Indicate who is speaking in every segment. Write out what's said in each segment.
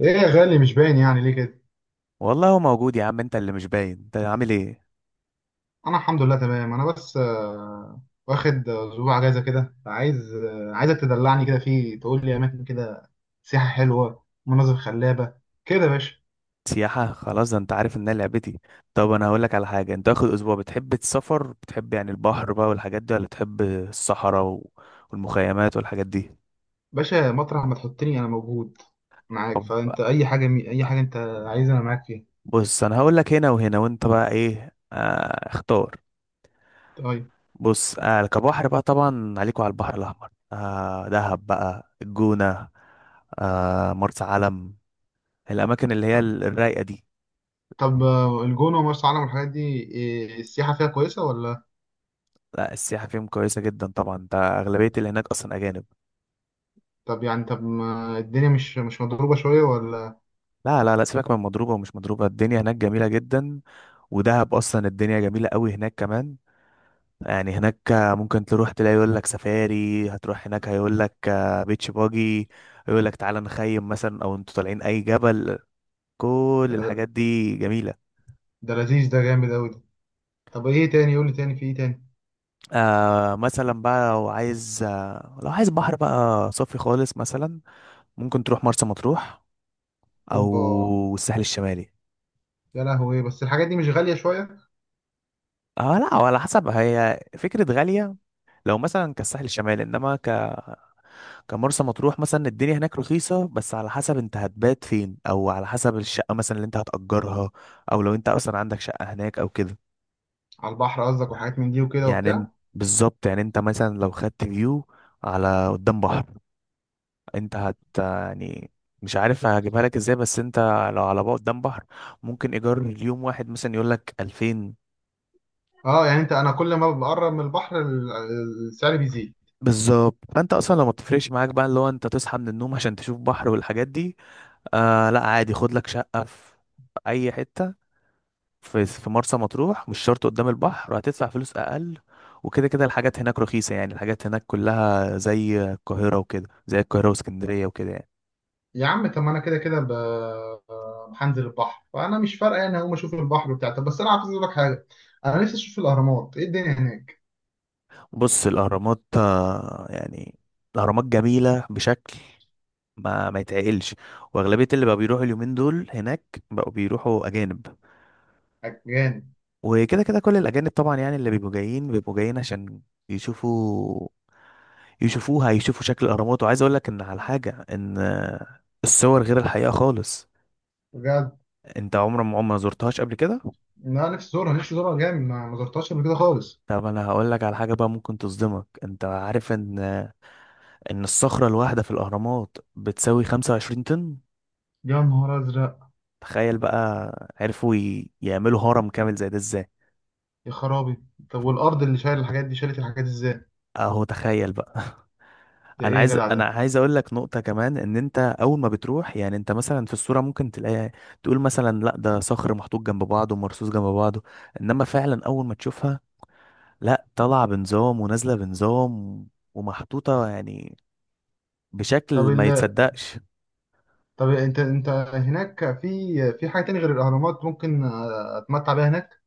Speaker 1: ايه يا غالي، مش باين يعني ليه كده.
Speaker 2: والله هو موجود يا عم، انت اللي مش باين. انت عامل ايه؟
Speaker 1: انا الحمد لله تمام. انا بس واخد اسبوع اجازه كده. عايز عايزك تدلعني كده، فيه تقول لي اماكن كده، سياحه حلوه، مناظر خلابه كده يا باشا.
Speaker 2: سياحة؟ خلاص، ده انت عارف ان انا لعبتي. طب انا هقولك على حاجة، انت واخد اسبوع، بتحب السفر، بتحب يعني البحر بقى والحاجات دي، ولا بتحب الصحراء والمخيمات والحاجات دي؟
Speaker 1: باشا مطرح ما تحطني انا موجود معاك،
Speaker 2: طب
Speaker 1: فانت اي حاجه انت عايزها انا معاك فيها.
Speaker 2: بص، انا هقولك هنا وهنا، وانت بقى ايه، اختار.
Speaker 1: طيب.
Speaker 2: بص، كبحر بقى طبعا عليكوا على البحر الاحمر، دهب بقى، الجونة، مرسى علم، الاماكن اللي هي
Speaker 1: طب
Speaker 2: الرايقة دي.
Speaker 1: طب آه، الجونه ومرسى علم والحاجات دي، إيه السياحه فيها كويسه ولا؟
Speaker 2: لا، السياحة فيهم كويسة جدا طبعا، انت اغلبية اللي هناك اصلا اجانب.
Speaker 1: طب يعني، طب ما الدنيا مش مضروبه شويه ولا؟
Speaker 2: لا لا لا، سيبك من مضروبة ومش مضروبة، الدنيا هناك جميلة جدا. ودهب أصلا الدنيا جميلة قوي هناك كمان. يعني هناك ممكن تروح تلاقي يقول لك سفاري، هتروح هناك هيقول لك بيتش باجي، يقول لك تعالى نخيم مثلا، أو انتوا طالعين أي جبل. كل
Speaker 1: ده,
Speaker 2: الحاجات دي جميلة.
Speaker 1: ده لذيذ، ده جامد قوي ده. طب ايه تاني، قول لي تاني، في ايه تاني؟
Speaker 2: مثلا بقى لو عايز بحر بقى صافي خالص مثلا، ممكن تروح مرسى مطروح
Speaker 1: اوبا،
Speaker 2: أو الساحل الشمالي.
Speaker 1: يا لهوي، بس الحاجات دي مش غالية شوية؟
Speaker 2: اه لا، على حسب، هي فكرة غالية لو مثلا كالساحل الشمالي، انما كان مرسى مطروح مثلا الدنيا هناك رخيصة. بس على حسب انت هتبات فين، او على حسب الشقة مثلا اللي انت هتأجرها، او لو انت اصلا عندك شقة هناك او كده.
Speaker 1: على البحر قصدك وحاجات من دي وكده
Speaker 2: يعني ان-
Speaker 1: وبتاع؟
Speaker 2: بالظبط، يعني انت مثلا لو خدت فيو على قدام بحر، انت هت يعني، مش عارف هجيبها لك ازاي، بس انت لو على بقى قدام بحر، ممكن ايجار اليوم واحد مثلا يقول لك 2000.
Speaker 1: اه يعني انت، انا كل ما بقرب من البحر السعر بيزيد.
Speaker 2: بالظبط، فانت اصلا لو ما بتفرقش معاك بقى اللي هو انت تصحى من النوم عشان تشوف بحر والحاجات دي، لا عادي، خد لك شقة في اي حتة في مرسى مطروح، مش شرط قدام البحر، هتدفع فلوس اقل. وكده كده الحاجات هناك رخيصة، يعني الحاجات هناك كلها زي القاهرة وكده، زي القاهرة واسكندرية وكده يعني.
Speaker 1: يا عم، طب ما انا كده كده هنزل البحر، فانا مش فارقه يعني، هقوم اشوف البحر بتاع. طب بس انا عايز اقول لك حاجه، انا نفسي اشوف الاهرامات، ايه الدنيا هناك؟
Speaker 2: بص، الأهرامات يعني الأهرامات جميلة بشكل ما يتعقلش. وأغلبية اللي بقى بيروحوا اليومين دول هناك بقوا بيروحوا أجانب.
Speaker 1: جامد.
Speaker 2: وكده كده كل الأجانب طبعا، يعني اللي بيبقوا جايين بيبقوا جايين عشان يشوفوا، يشوفوا شكل الأهرامات. وعايز أقول لك إن على حاجة، إن الصور غير الحقيقة خالص.
Speaker 1: بجد،
Speaker 2: انت عمرك ما عمرك ما زرتهاش قبل كده؟
Speaker 1: انا نفسي ازورها، نفسي ازورها جامد، ما زرتهاش قبل كده خالص.
Speaker 2: طب انا هقول لك على حاجه بقى ممكن تصدمك. انت عارف ان الصخره الواحده في الاهرامات بتساوي 25 طن؟
Speaker 1: يا نهار ازرق.
Speaker 2: تخيل بقى، عرفوا يعملوا هرم كامل زي ده ازاي.
Speaker 1: يا خرابي. طب والارض اللي شايل الحاجات دي شالت الحاجات ازاي؟
Speaker 2: اهو تخيل بقى.
Speaker 1: ده ايه يا جدع
Speaker 2: انا
Speaker 1: ده؟
Speaker 2: عايز اقول لك نقطه كمان، ان انت اول ما بتروح، يعني انت مثلا في الصوره ممكن تلاقي تقول مثلا لا ده صخر محطوط جنب بعضه ومرصوص جنب بعضه، انما فعلا اول ما تشوفها، لا، طالعه بنظام ونازله بنظام ومحطوطه يعني
Speaker 1: طب
Speaker 2: بشكل ما
Speaker 1: ال
Speaker 2: يتصدقش.
Speaker 1: طب انت، هناك في حاجه تانية غير الاهرامات ممكن اتمتع بيها هناك؟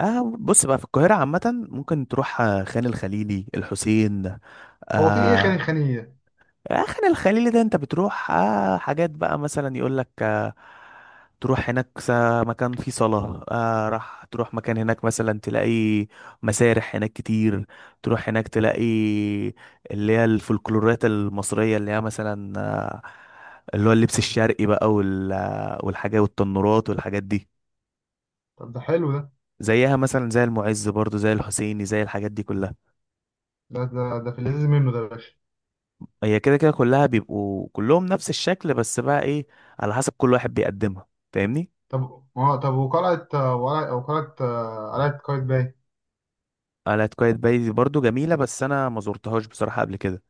Speaker 2: اه بص بقى، في القاهرة عامة ممكن تروح خان الخليلي، الحسين،
Speaker 1: هو في ايه، خاني
Speaker 2: آه.
Speaker 1: خانيه؟
Speaker 2: خان الخليلي ده انت بتروح حاجات بقى، مثلا يقول لك آه، تروح هناك، مكان فيه صلاة، راح تروح مكان هناك مثلا تلاقي مسارح هناك كتير. تروح هناك تلاقي اللي هي الفولكلورات المصرية، اللي هي مثلا اللي هو اللبس الشرقي بقى والحاجات والتنورات والحاجات دي.
Speaker 1: طب ده حلو ده.
Speaker 2: زيها مثلا زي المعز، برضو زي الحسيني، زي الحاجات دي كلها.
Speaker 1: ده في اللذيذ منه ده يا باشا.
Speaker 2: هي كده كده كلها بيبقوا كلهم نفس الشكل، بس بقى ايه، على حسب كل واحد بيقدمها. فاهمني.
Speaker 1: طب اه، طب وقلعه آه، وقلعه وقلعه آه، قلعه قايتباي؟
Speaker 2: قلعة قايتباي دي برضو جميلة، بس انا ما زرتهاش بصراحة قبل كده.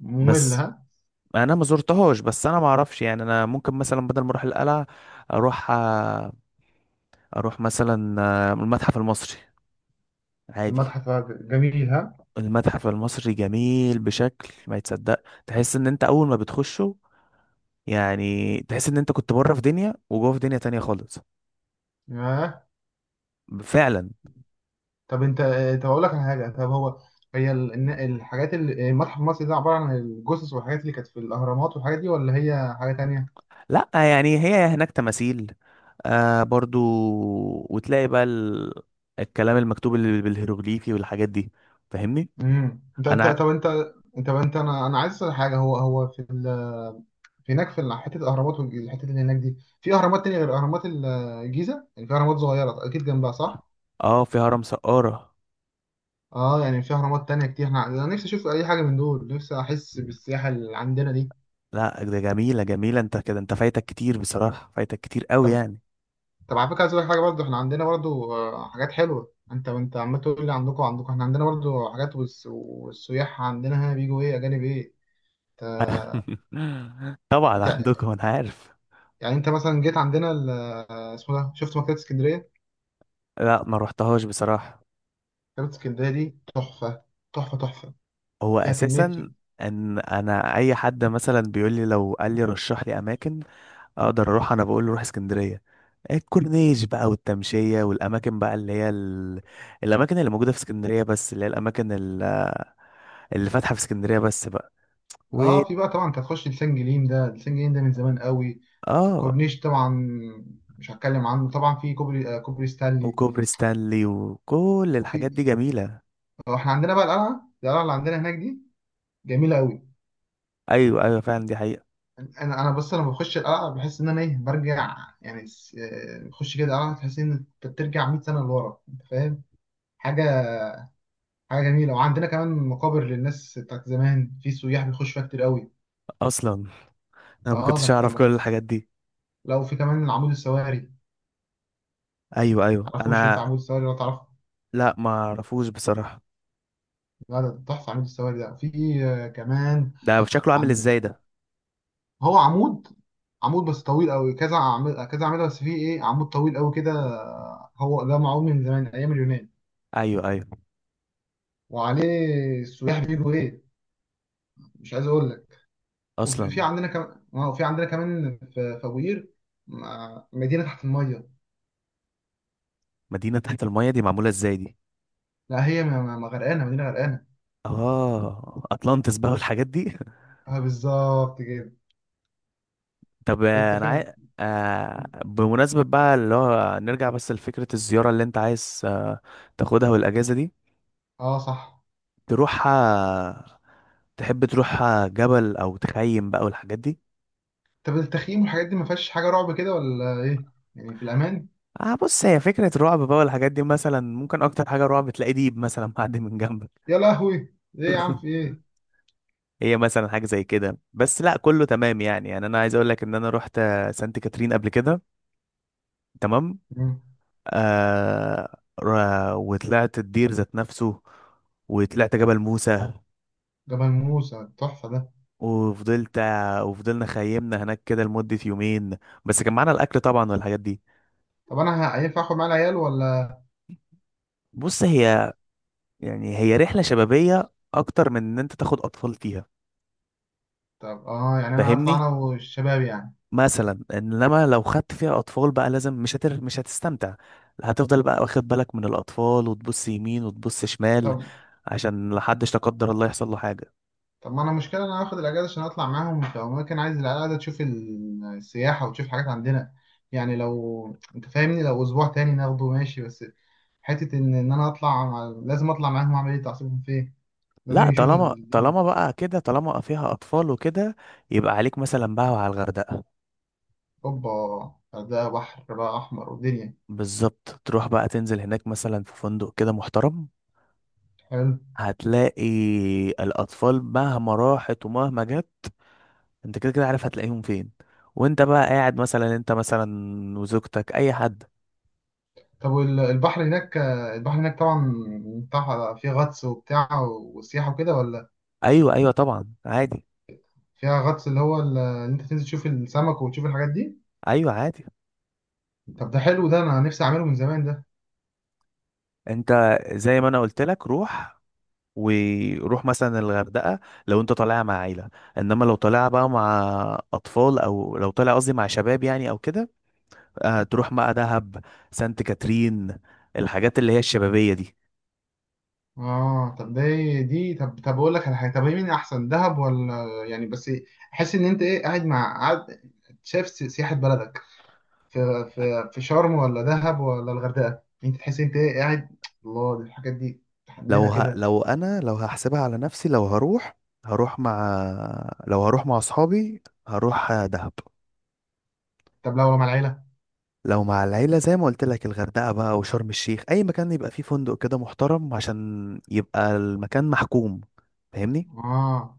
Speaker 1: ممل
Speaker 2: بس
Speaker 1: ها.
Speaker 2: انا ما زرتهاش، بس انا ما اعرفش يعني. انا ممكن مثلا بدل ما اروح القلعة، اروح مثلا المتحف المصري عادي.
Speaker 1: المتحف، جميل ها.
Speaker 2: المتحف المصري جميل بشكل ما يتصدق، تحس ان انت اول ما بتخشه، يعني تحس ان انت كنت بره في دنيا وجوه في دنيا تانية خالص،
Speaker 1: ياه.
Speaker 2: فعلا.
Speaker 1: طب انت طب اقول لك على حاجه، طب هو هي ال- الن- الحاجات اللي المتحف المصري ده، عباره عن الجثث والحاجات اللي كانت في الاهرامات والحاجات دي، ولا هي حاجه تانية؟
Speaker 2: لا يعني هي هناك تماثيل برضو، وتلاقي بقى الكلام المكتوب اللي بالهيروغليفي والحاجات دي. فاهمني.
Speaker 1: امم، انت انت
Speaker 2: انا
Speaker 1: طب انت طب انت انا انا عايز اسال حاجه. هو هو في ال هناك في حته الاهرامات والحته اللي هناك دي، في اهرامات تانية غير اهرامات الجيزه يعني؟ في اهرامات صغيره اكيد جنبها، صح؟
Speaker 2: اه، في هرم سقارة.
Speaker 1: اه يعني في اهرامات تانية كتير، احنا انا نفسي اشوف اي حاجه من دول، نفسي احس بالسياحه اللي عندنا دي.
Speaker 2: لا ده جميلة جميلة، انت كده انت فايتك كتير بصراحة، فايتك كتير قوي
Speaker 1: طب،
Speaker 2: يعني.
Speaker 1: طب على فكره، عايز اقول لك حاجه برضه، احنا عندنا برضه حاجات حلوه. انت انت عمال تقول لي عندكم عندكم، احنا عندنا برضه حاجات. والسياح عندنا هنا بيجوا ايه، اجانب ايه. انت
Speaker 2: طبعا
Speaker 1: انت-
Speaker 2: عندكم، انا عارف.
Speaker 1: يعني انت مثلا جيت عندنا اسمه ده، شفت مكتبه اسكندريه؟
Speaker 2: لا ما روحتهاش بصراحة.
Speaker 1: مكتبه اسكندريه دي تحفه، تحفه،
Speaker 2: هو
Speaker 1: فيها كمية.
Speaker 2: اساسا ان انا اي حد مثلا بيقول لي، لو قال لي رشح لي اماكن اقدر اروح، انا بقول له روح اسكندريه، الكورنيش بقى والتمشيه، والاماكن بقى اللي هي الاماكن اللي موجوده في اسكندريه، بس اللي هي اللي فاتحه في اسكندريه بس بقى، و...
Speaker 1: اه في بقى طبعا، انت هتخش لسان جليم، ده لسان جليم ده من زمان قوي.
Speaker 2: اه،
Speaker 1: الكورنيش طبعا مش هتكلم عنه. طبعا في كوبري، آه كوبري ستانلي.
Speaker 2: وكوبري ستانلي وكل الحاجات دي
Speaker 1: وفي
Speaker 2: جميله.
Speaker 1: احنا عندنا بقى القلعه، القلعه اللي عندنا هناك دي جميله قوي.
Speaker 2: ايوه ايوه فعلا، دي حقيقه.
Speaker 1: انا انا بس لما بخش القلعه بحس ان انا ايه، برجع يعني. بخش كده القلعه، تحس ان انت بترجع 100 سنه لورا، انت فاهم؟ حاجه، حاجه جميله. وعندنا كمان مقابر للناس بتاعت زمان، في سياح بيخشوا فيها كتير قوي.
Speaker 2: اصلا انا ما
Speaker 1: اه
Speaker 2: كنتش
Speaker 1: كانت
Speaker 2: اعرف كل
Speaker 1: مق-
Speaker 2: الحاجات دي.
Speaker 1: لو في كمان عمود السواري،
Speaker 2: ايوه ايوه.
Speaker 1: تعرفوش انت عمود السواري ولا تعرف؟
Speaker 2: لا ما اعرفوش بصراحه.
Speaker 1: لا ده تحفة، عمود السواري ده في كمان.
Speaker 2: ده شكله عامل
Speaker 1: عند،
Speaker 2: ازاي ده؟
Speaker 1: هو عمود، عمود بس طويل قوي، كذا عمود كذا عمود بس، فيه ايه، عمود طويل قوي كده، هو ده معمول من زمان ايام اليونان.
Speaker 2: ايوه ايوه
Speaker 1: وعليه السياح بيجوا ايه، مش عايز اقول لك. وفي
Speaker 2: اصلا.
Speaker 1: في عندنا كمان، اه في عندنا كمان، في في ابو قير، مدينة تحت المية.
Speaker 2: مدينه تحت الميه دي معموله ازاي دي؟
Speaker 1: لا هي ما غرقانة، مدينة غرقانة.
Speaker 2: اه، اطلانتس بقى والحاجات دي.
Speaker 1: اه بالظبط كده.
Speaker 2: طب
Speaker 1: انت
Speaker 2: انا عايز،
Speaker 1: فاهم.
Speaker 2: بمناسبة بقى اللي هو نرجع بس لفكرة الزيارة اللي انت عايز تاخدها، والاجازة دي
Speaker 1: اه صح.
Speaker 2: تروحها، تحب تروحها جبل او تخيم بقى والحاجات دي؟
Speaker 1: طب التخييم والحاجات دي ما فيهاش حاجة رعب كده ولا ايه؟ يعني في الامان؟
Speaker 2: اه بص، هي فكرة رعب بقى والحاجات دي، مثلا ممكن اكتر حاجة رعب تلاقي ديب مثلا معدي من جنبك.
Speaker 1: يا لهوي، ايه يا عم، في ايه؟
Speaker 2: هي مثلا حاجة زي كده، بس لا كله تمام يعني. يعني انا عايز اقول لك ان انا رحت سانت كاترين قبل كده، تمام.
Speaker 1: مم.
Speaker 2: آه. وطلعت الدير ذات نفسه، وطلعت جبل موسى،
Speaker 1: جبل موسى تحفة ده.
Speaker 2: وفضلت وفضلنا خيمنا هناك كده لمدة يومين، بس كان معانا الأكل طبعا والحاجات دي.
Speaker 1: طب أنا هينفع آخد معايا العيال ولا؟
Speaker 2: بص، هي يعني هي رحلة شبابية أكتر من إن أنت تاخد أطفال فيها.
Speaker 1: طب آه يعني أنا هطلع
Speaker 2: فاهمني،
Speaker 1: أنا والشباب يعني.
Speaker 2: مثلا. إنما لو خدت فيها أطفال بقى لازم، مش هتستمتع، هتفضل بقى واخد بالك من الأطفال وتبص يمين وتبص شمال،
Speaker 1: طب،
Speaker 2: عشان لحدش لا قدر الله يحصل له حاجة.
Speaker 1: طب ما أنا مشكلة إن أنا هاخد الأجازة عشان أطلع معاهم، فممكن عايز العيال قاعدة تشوف السياحة وتشوف حاجات عندنا يعني. لو أنت فاهمني، لو أسبوع تاني ناخده ماشي، بس حتة إن أنا أطلع لازم أطلع معاهم، أعمل إيه، تعصيبهم فين، لازم
Speaker 2: لا،
Speaker 1: يشوفوا
Speaker 2: طالما
Speaker 1: الدنيا.
Speaker 2: طالما بقى كده، طالما فيها اطفال وكده، يبقى عليك مثلا بقى وعلى الغردقه.
Speaker 1: أوبا، ده بحر بقى أحمر ودنيا.
Speaker 2: بالظبط، تروح بقى تنزل هناك مثلا في فندق كده محترم،
Speaker 1: حلو.
Speaker 2: هتلاقي الاطفال مهما راحت ومهما جت انت كده كده عارف هتلاقيهم فين، وانت بقى قاعد مثلا، انت مثلا وزوجتك، اي حد.
Speaker 1: طب والبحر هناك، البحر هناك طبعا بتاع فيه غطس وبتاع وسياحة وكده ولا؟
Speaker 2: ايوه ايوه طبعا عادي.
Speaker 1: فيها غطس، اللي هو اللي انت تنزل تشوف السمك وتشوف الحاجات دي؟
Speaker 2: ايوه عادي.
Speaker 1: طب ده حلو ده، انا نفسي اعمله من زمان ده.
Speaker 2: انت زي ما انا قلت لك، روح وروح مثلا الغردقة لو انت طالعها مع عيلة، انما لو طالعها بقى مع اطفال، او لو طالع قصدي مع شباب يعني او كده، تروح بقى دهب، سانت كاترين، الحاجات اللي هي الشبابية دي.
Speaker 1: اه طب ده إيه دي، طب طب اقول لك على حاجة، طب إيه مين احسن، دهب ولا يعني، بس احس ان انت ايه قاعد مع، قاعد شايف سياحة بلدك في، في شرم ولا دهب ولا الغردقة، انت تحس انت ايه، قاعد، الله، دي الحاجات دي عندنا كده.
Speaker 2: لو انا لو هحسبها على نفسي، لو هروح، هروح مع لو هروح مع اصحابي، هروح دهب.
Speaker 1: طب لو مع العيلة.
Speaker 2: لو مع العيلة، زي ما قلت لك، الغردقة بقى وشرم الشيخ، اي مكان يبقى فيه فندق كده محترم عشان يبقى المكان محكوم. فاهمني.
Speaker 1: اه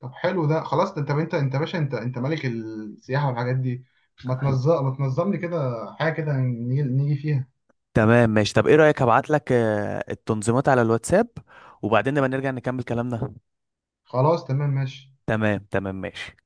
Speaker 1: طب حلو ده خلاص طب انت، يا باشا انت ملك السياحه والحاجات دي، ما تنظم لي كده حاجه كده، نيجي فيها.
Speaker 2: تمام ماشي. طب ايه رأيك، هبعت لك التنظيمات على الواتساب، وبعدين نبقى نرجع نكمل كلامنا.
Speaker 1: خلاص تمام ماشي.
Speaker 2: تمام تمام ماشي.